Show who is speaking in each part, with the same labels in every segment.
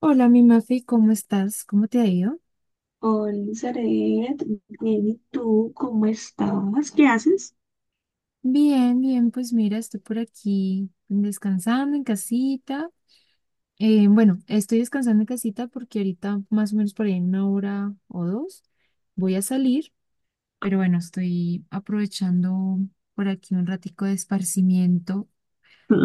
Speaker 1: Hola, mi Mafi, ¿cómo estás? ¿Cómo te ha ido?
Speaker 2: Hola, Zaret. Bien, ¿y tú cómo estás? ¿Qué haces?
Speaker 1: Bien, bien, pues mira, estoy por aquí descansando en casita. Bueno, estoy descansando en casita porque ahorita más o menos por ahí en una hora o dos voy a salir, pero bueno, estoy aprovechando por aquí un ratico de esparcimiento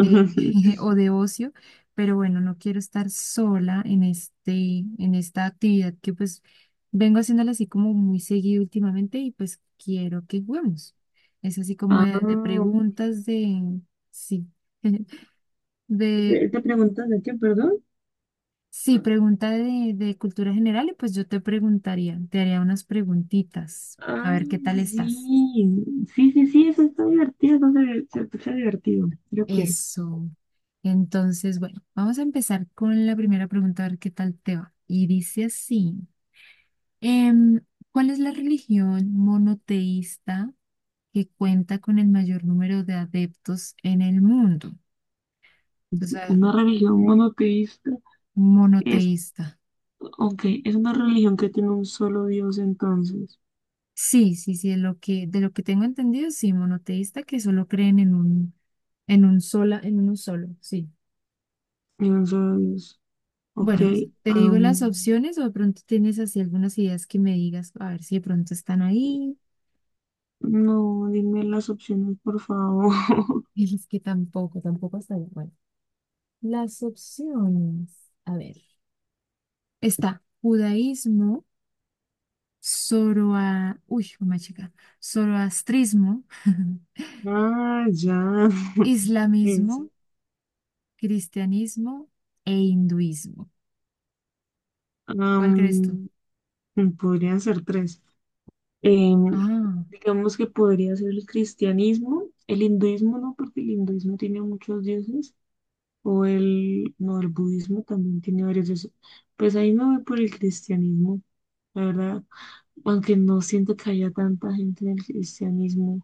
Speaker 1: eh, o de ocio, pero bueno, no quiero estar sola en esta actividad que pues vengo haciéndola así como muy seguido últimamente y pues quiero que juguemos. Es así como
Speaker 2: Ah,
Speaker 1: de preguntas de, sí, de,
Speaker 2: te preguntas de qué, perdón.
Speaker 1: sí, pregunta de cultura general y pues yo te preguntaría, te haría unas preguntitas, a ver qué
Speaker 2: Ay,
Speaker 1: tal estás.
Speaker 2: sí, sí, sí, sí, eso está divertido, eso se escucha divertido. Yo quiero
Speaker 1: Eso. Entonces, bueno, vamos a empezar con la primera pregunta, a ver qué tal te va. Y dice así. Em, ¿Cuál es la religión monoteísta que cuenta con el mayor número de adeptos en el mundo? O sea,
Speaker 2: una religión monoteísta. Es,
Speaker 1: monoteísta.
Speaker 2: ok, es una religión que tiene un solo Dios entonces.
Speaker 1: Sí, sí, sí, de lo que tengo entendido, sí, monoteísta que solo creen en un sola, en uno solo, sí.
Speaker 2: Tiene un solo Dios. Ok,
Speaker 1: Bueno, te digo las
Speaker 2: am,
Speaker 1: opciones o de pronto tienes así algunas ideas que me digas, a ver si de pronto están ahí.
Speaker 2: no, dime las opciones, por favor.
Speaker 1: Y es que tampoco está ahí. Bueno, las opciones, a ver, está judaísmo. Uy, una chica, zoroastrismo,
Speaker 2: Ah, ya.
Speaker 1: islamismo,
Speaker 2: Eso.
Speaker 1: cristianismo e hinduismo. ¿Cuál crees tú?
Speaker 2: Am, podrían ser tres. Em,
Speaker 1: Ah,
Speaker 2: digamos que podría ser el cristianismo, el hinduismo, no, porque el hinduismo tiene muchos dioses, o el, no, el budismo también tiene varios dioses. Pues ahí me voy por el cristianismo, la verdad, aunque no siento que haya tanta gente en el cristianismo.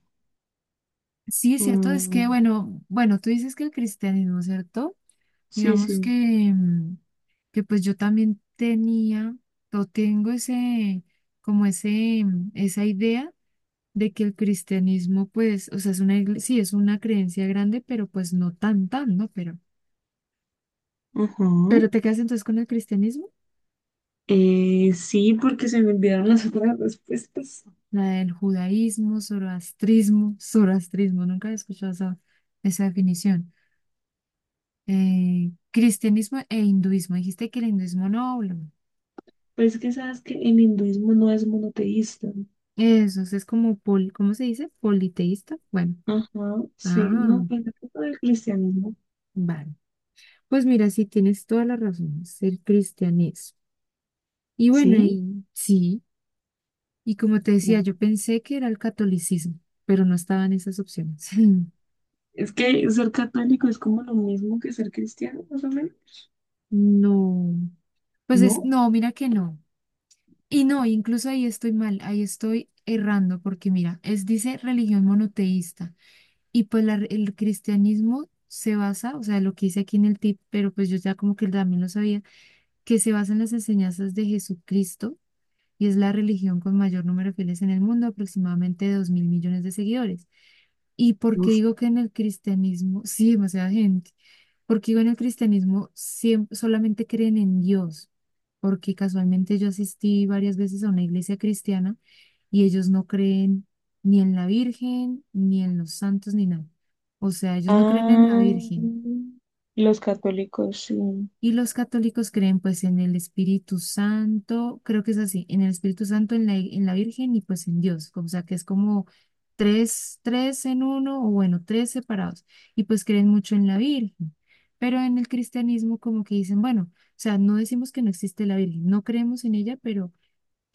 Speaker 1: sí, es cierto, es que
Speaker 2: Mm,
Speaker 1: bueno, bueno, tú dices que el cristianismo, ¿cierto?
Speaker 2: sí,
Speaker 1: Digamos que,
Speaker 2: sí.
Speaker 1: mm, que pues yo también tenía o tengo ese, como ese, esa idea de que el cristianismo, pues, o sea, sí, es una creencia grande, pero pues no tan, tan, ¿no? Pero,
Speaker 2: Ajá.
Speaker 1: pero te quedas entonces con el cristianismo.
Speaker 2: Sí, porque se me olvidaron las otras respuestas.
Speaker 1: La del judaísmo, zoroastrismo, nunca he escuchado esa definición. Cristianismo e hinduismo. Dijiste que el hinduismo no, bueno,
Speaker 2: Pues que sabes que el hinduismo no es monoteísta.
Speaker 1: eso es como, ¿cómo se dice? Politeísta. Bueno,
Speaker 2: Ajá, sí,
Speaker 1: ah,
Speaker 2: no, pues es todo el cristianismo,
Speaker 1: vale. Pues mira, sí, tienes toda la razón, es el cristianismo. Y bueno,
Speaker 2: sí,
Speaker 1: y, sí, y como te
Speaker 2: no.
Speaker 1: decía, yo pensé que era el catolicismo, pero no estaban esas opciones.
Speaker 2: Es que ser católico es como lo mismo que ser cristiano, más o menos,
Speaker 1: No, pues es,
Speaker 2: ¿no?
Speaker 1: no, mira que no. Y no, incluso ahí estoy mal, ahí estoy errando, porque mira, es dice religión monoteísta, y pues el cristianismo se basa, o sea, lo que dice aquí en el tip, pero pues yo ya como que también lo sabía, que se basa en las enseñanzas de Jesucristo y es la religión con mayor número de fieles en el mundo, aproximadamente 2.000 millones de seguidores. ¿Y por qué
Speaker 2: Uf.
Speaker 1: digo que en el cristianismo sí demasiada gente? Porque en el cristianismo siempre, solamente creen en Dios, porque casualmente yo asistí varias veces a una iglesia cristiana y ellos no creen ni en la Virgen, ni en los santos, ni nada. O sea, ellos no creen en la
Speaker 2: Ah,
Speaker 1: Virgen,
Speaker 2: los católicos, sí,
Speaker 1: y los católicos creen pues en el Espíritu Santo, creo que es así, en el Espíritu Santo, en la Virgen y pues en Dios, o sea que es como tres, tres en uno o bueno, tres separados. Y pues creen mucho en la Virgen, pero en el cristianismo como que dicen, bueno, o sea, no decimos que no existe la Virgen, no creemos en ella, pero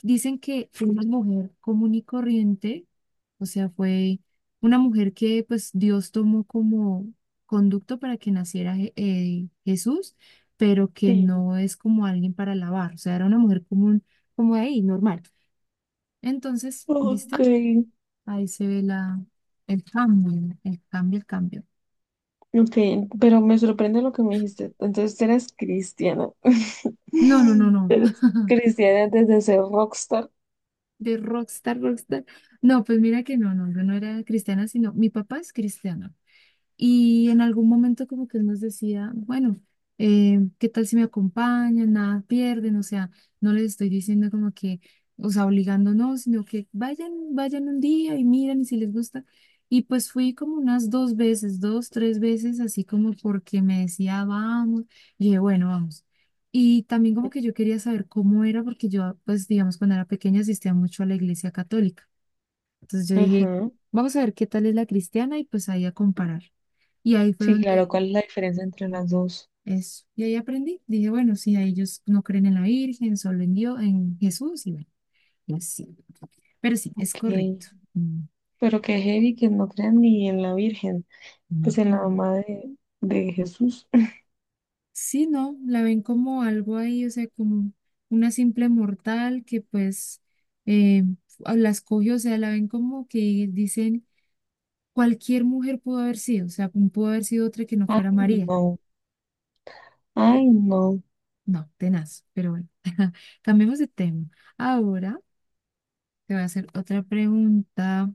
Speaker 1: dicen que fue una mujer común y corriente, o sea, fue una mujer que pues Dios tomó como conducto para que naciera Jesús, pero que
Speaker 2: sí.
Speaker 1: no es como alguien para alabar, o sea, era una mujer común como de ahí, normal. Entonces,
Speaker 2: Ok.
Speaker 1: ¿viste? Ahí se ve la, el cambio, el cambio, el cambio.
Speaker 2: Ok, pero me sorprende lo que me dijiste. Entonces, tú eres cristiana.
Speaker 1: No, no, no, no,
Speaker 2: Eres cristiana antes de ser rockstar.
Speaker 1: de rockstar, rockstar. No, pues mira que no, no, yo no era cristiana, sino mi papá es cristiano. Y en algún momento como que él nos decía, bueno, ¿qué tal si me acompañan? Nada pierden, o sea, no les estoy diciendo como que, o sea, obligando no, sino que vayan, vayan un día y miran y si les gusta. Y pues fui como unas dos veces, dos, tres veces, así como porque me decía, vamos, y dije, bueno, vamos. Y también como que yo quería saber cómo era, porque yo, pues digamos, cuando era pequeña asistía mucho a la iglesia católica. Entonces yo dije,
Speaker 2: Ajá.
Speaker 1: vamos a ver qué tal es la cristiana y pues ahí a comparar. Y ahí fue
Speaker 2: Sí, claro,
Speaker 1: donde
Speaker 2: ¿cuál es la diferencia entre las dos?
Speaker 1: eso. Y ahí aprendí. Dije, bueno, sí, a ellos no creen en la Virgen, solo en Dios, en Jesús y bueno, y así. Pero sí, es
Speaker 2: Ok.
Speaker 1: correcto. Mm.
Speaker 2: Pero que heavy que no crean ni en la Virgen,
Speaker 1: No.
Speaker 2: pues en la mamá de Jesús.
Speaker 1: Sí, no, la ven como algo ahí, o sea, como una simple mortal que pues eh, la escogió, o sea, la ven como que dicen, cualquier mujer pudo haber sido, o sea, pudo haber sido otra que no
Speaker 2: Ay,
Speaker 1: fuera María.
Speaker 2: no, ay, no.
Speaker 1: No, tenaz, pero bueno. Cambiemos de tema. Ahora te voy a hacer otra pregunta.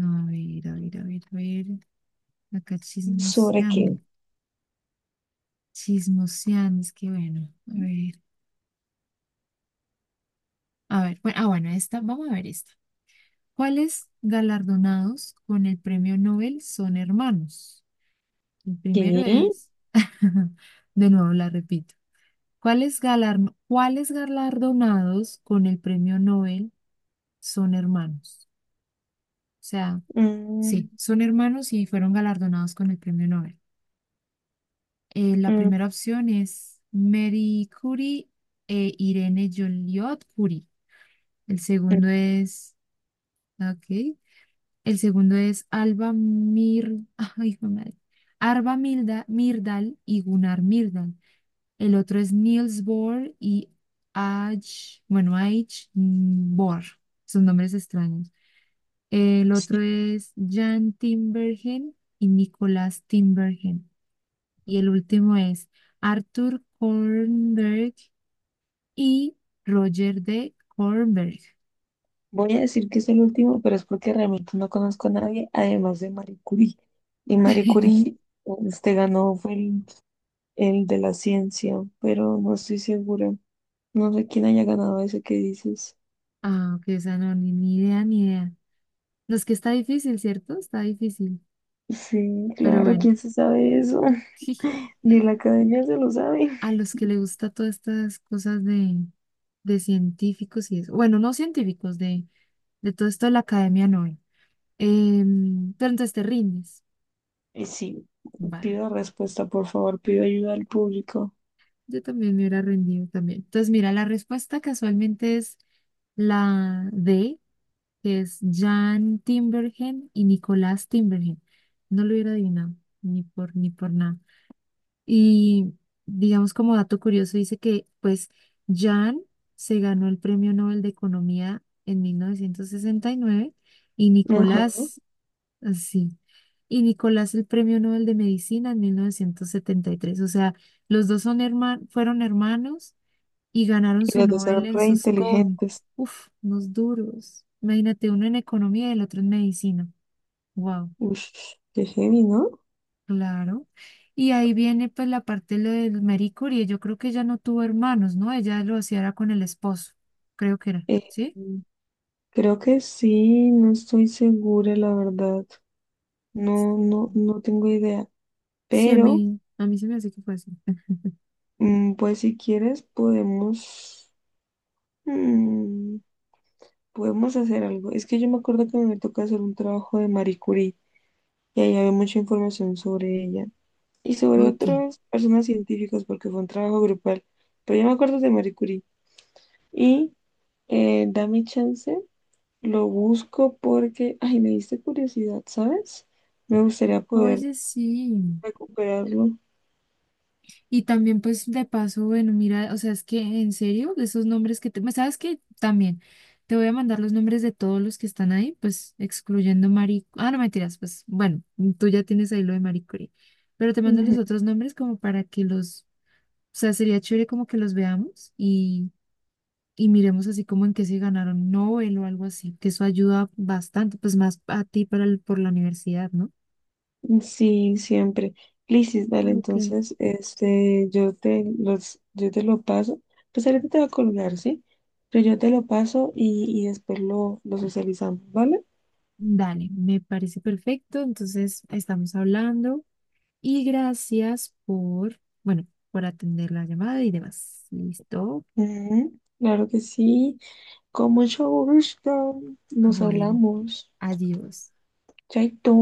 Speaker 1: A ver, a ver, a ver, a ver. Acá
Speaker 2: ¿Sobre
Speaker 1: chismoseando.
Speaker 2: qué?
Speaker 1: Chismoseando, es que bueno. A ver. A ver, bueno, ah, bueno, esta, vamos a ver esta. ¿Cuáles galardonados con el premio Nobel son hermanos? El
Speaker 2: ¿Qué?
Speaker 1: primero es, de nuevo la repito. ¿Cuáles galar- ¿Cuáles galardonados con el premio Nobel son hermanos? O sea,
Speaker 2: Mm,
Speaker 1: sí, son hermanos y fueron galardonados con el premio Nobel. La
Speaker 2: mm,
Speaker 1: primera opción es Marie Curie e Irene Joliot Curie. El
Speaker 2: mm.
Speaker 1: segundo es, ok, el segundo es Alba Mir, ay, hijo de madre, Arva Milda, Myrdal y Gunnar Myrdal. El otro es Niels Bohr y H, bueno, H. Bohr. Son nombres extraños. El
Speaker 2: Sí,
Speaker 1: otro es Jan Timbergen y Nicolás Timbergen. Y el último es Arthur Kornberg y Roger de Kornberg.
Speaker 2: voy a decir que es el último, pero es porque realmente no conozco a nadie, además de Marie Curie. Y Marie Curie, este ganó fue el de la ciencia, pero no estoy segura. No sé quién haya ganado ese que dices.
Speaker 1: Ah, ok, o sea, no, ni idea, ni idea. No, es que está difícil, ¿cierto? Está difícil.
Speaker 2: Sí,
Speaker 1: Pero
Speaker 2: claro,
Speaker 1: bueno,
Speaker 2: ¿quién se sabe eso? Ni la academia se lo sabe.
Speaker 1: a los que les gusta todas estas cosas de científicos y eso. Bueno, no científicos, de todo esto de la academia Nobel. Pero entonces te rindes.
Speaker 2: Y sí,
Speaker 1: Va.
Speaker 2: pido respuesta, por favor, pido ayuda al público.
Speaker 1: Yo también me hubiera rendido también. Entonces, mira, la respuesta casualmente es la D, que es Jan Timbergen y Nicolás Timbergen. No lo hubiera adivinado, ni por, ni por nada. Y digamos como dato curioso, dice que pues Jan se ganó el Premio Nobel de Economía en 1969 y
Speaker 2: Ajá.
Speaker 1: Nicolás sí. Y Nicolás el Premio Nobel de Medicina en 1973. O sea, los dos son fueron hermanos y ganaron
Speaker 2: Y
Speaker 1: su
Speaker 2: los dos
Speaker 1: Nobel
Speaker 2: eran
Speaker 1: en
Speaker 2: re
Speaker 1: sus combos.
Speaker 2: inteligentes.
Speaker 1: Uf, unos duros. Imagínate, uno en economía y el otro en medicina. Wow,
Speaker 2: Ush, qué heavy, ¿no?
Speaker 1: claro. Y ahí viene pues la parte de lo del Marie Curie. Yo creo que ella no tuvo hermanos, ¿no? Ella lo hacía era con el esposo, creo que era,
Speaker 2: Eh,
Speaker 1: ¿sí?
Speaker 2: creo que sí, no estoy segura, la verdad. No, no, no tengo idea.
Speaker 1: Sí, a
Speaker 2: Pero,
Speaker 1: mí, a mí se me hace que fue así.
Speaker 2: pues si quieres, mm, podemos hacer algo. Es que yo me acuerdo que me toca hacer un trabajo de Marie Curie y ahí había mucha información sobre ella y sobre
Speaker 1: Ok.
Speaker 2: otras personas científicas porque fue un trabajo grupal. Pero yo me acuerdo de Marie Curie y dame chance. Lo busco porque, ay, me diste curiosidad, ¿sabes? Me gustaría poder
Speaker 1: Oye, sí.
Speaker 2: recuperarlo.
Speaker 1: Y también, pues, de paso, bueno, mira, o sea, es que en serio, de esos nombres que te... ¿me ¿Sabes qué? También te voy a mandar los nombres de todos los que están ahí, pues, excluyendo Marie... Ah, no, mentiras, pues, bueno, tú ya tienes ahí lo de Marie Curie. Pero te mando los
Speaker 2: Ujú.
Speaker 1: otros nombres como para que los... O sea, sería chévere como que los veamos y miremos así como en qué se ganaron un Nobel o algo así, que eso ayuda bastante, pues, más a ti para por la universidad, ¿no?
Speaker 2: Sí, siempre. Lisis,
Speaker 1: Ah,
Speaker 2: dale,
Speaker 1: ok.
Speaker 2: entonces, este, yo te lo paso. Pues ahorita te va a colgar, ¿sí? Pero yo te lo paso y después lo socializamos, ¿vale?
Speaker 1: Dale, me parece perfecto. Entonces, estamos hablando. Y gracias por, bueno, por atender la llamada y demás. ¿Listo?
Speaker 2: Ujú, claro que sí. Con mucho gusto. Nos
Speaker 1: Bueno,
Speaker 2: hablamos.
Speaker 1: adiós.
Speaker 2: Chaito.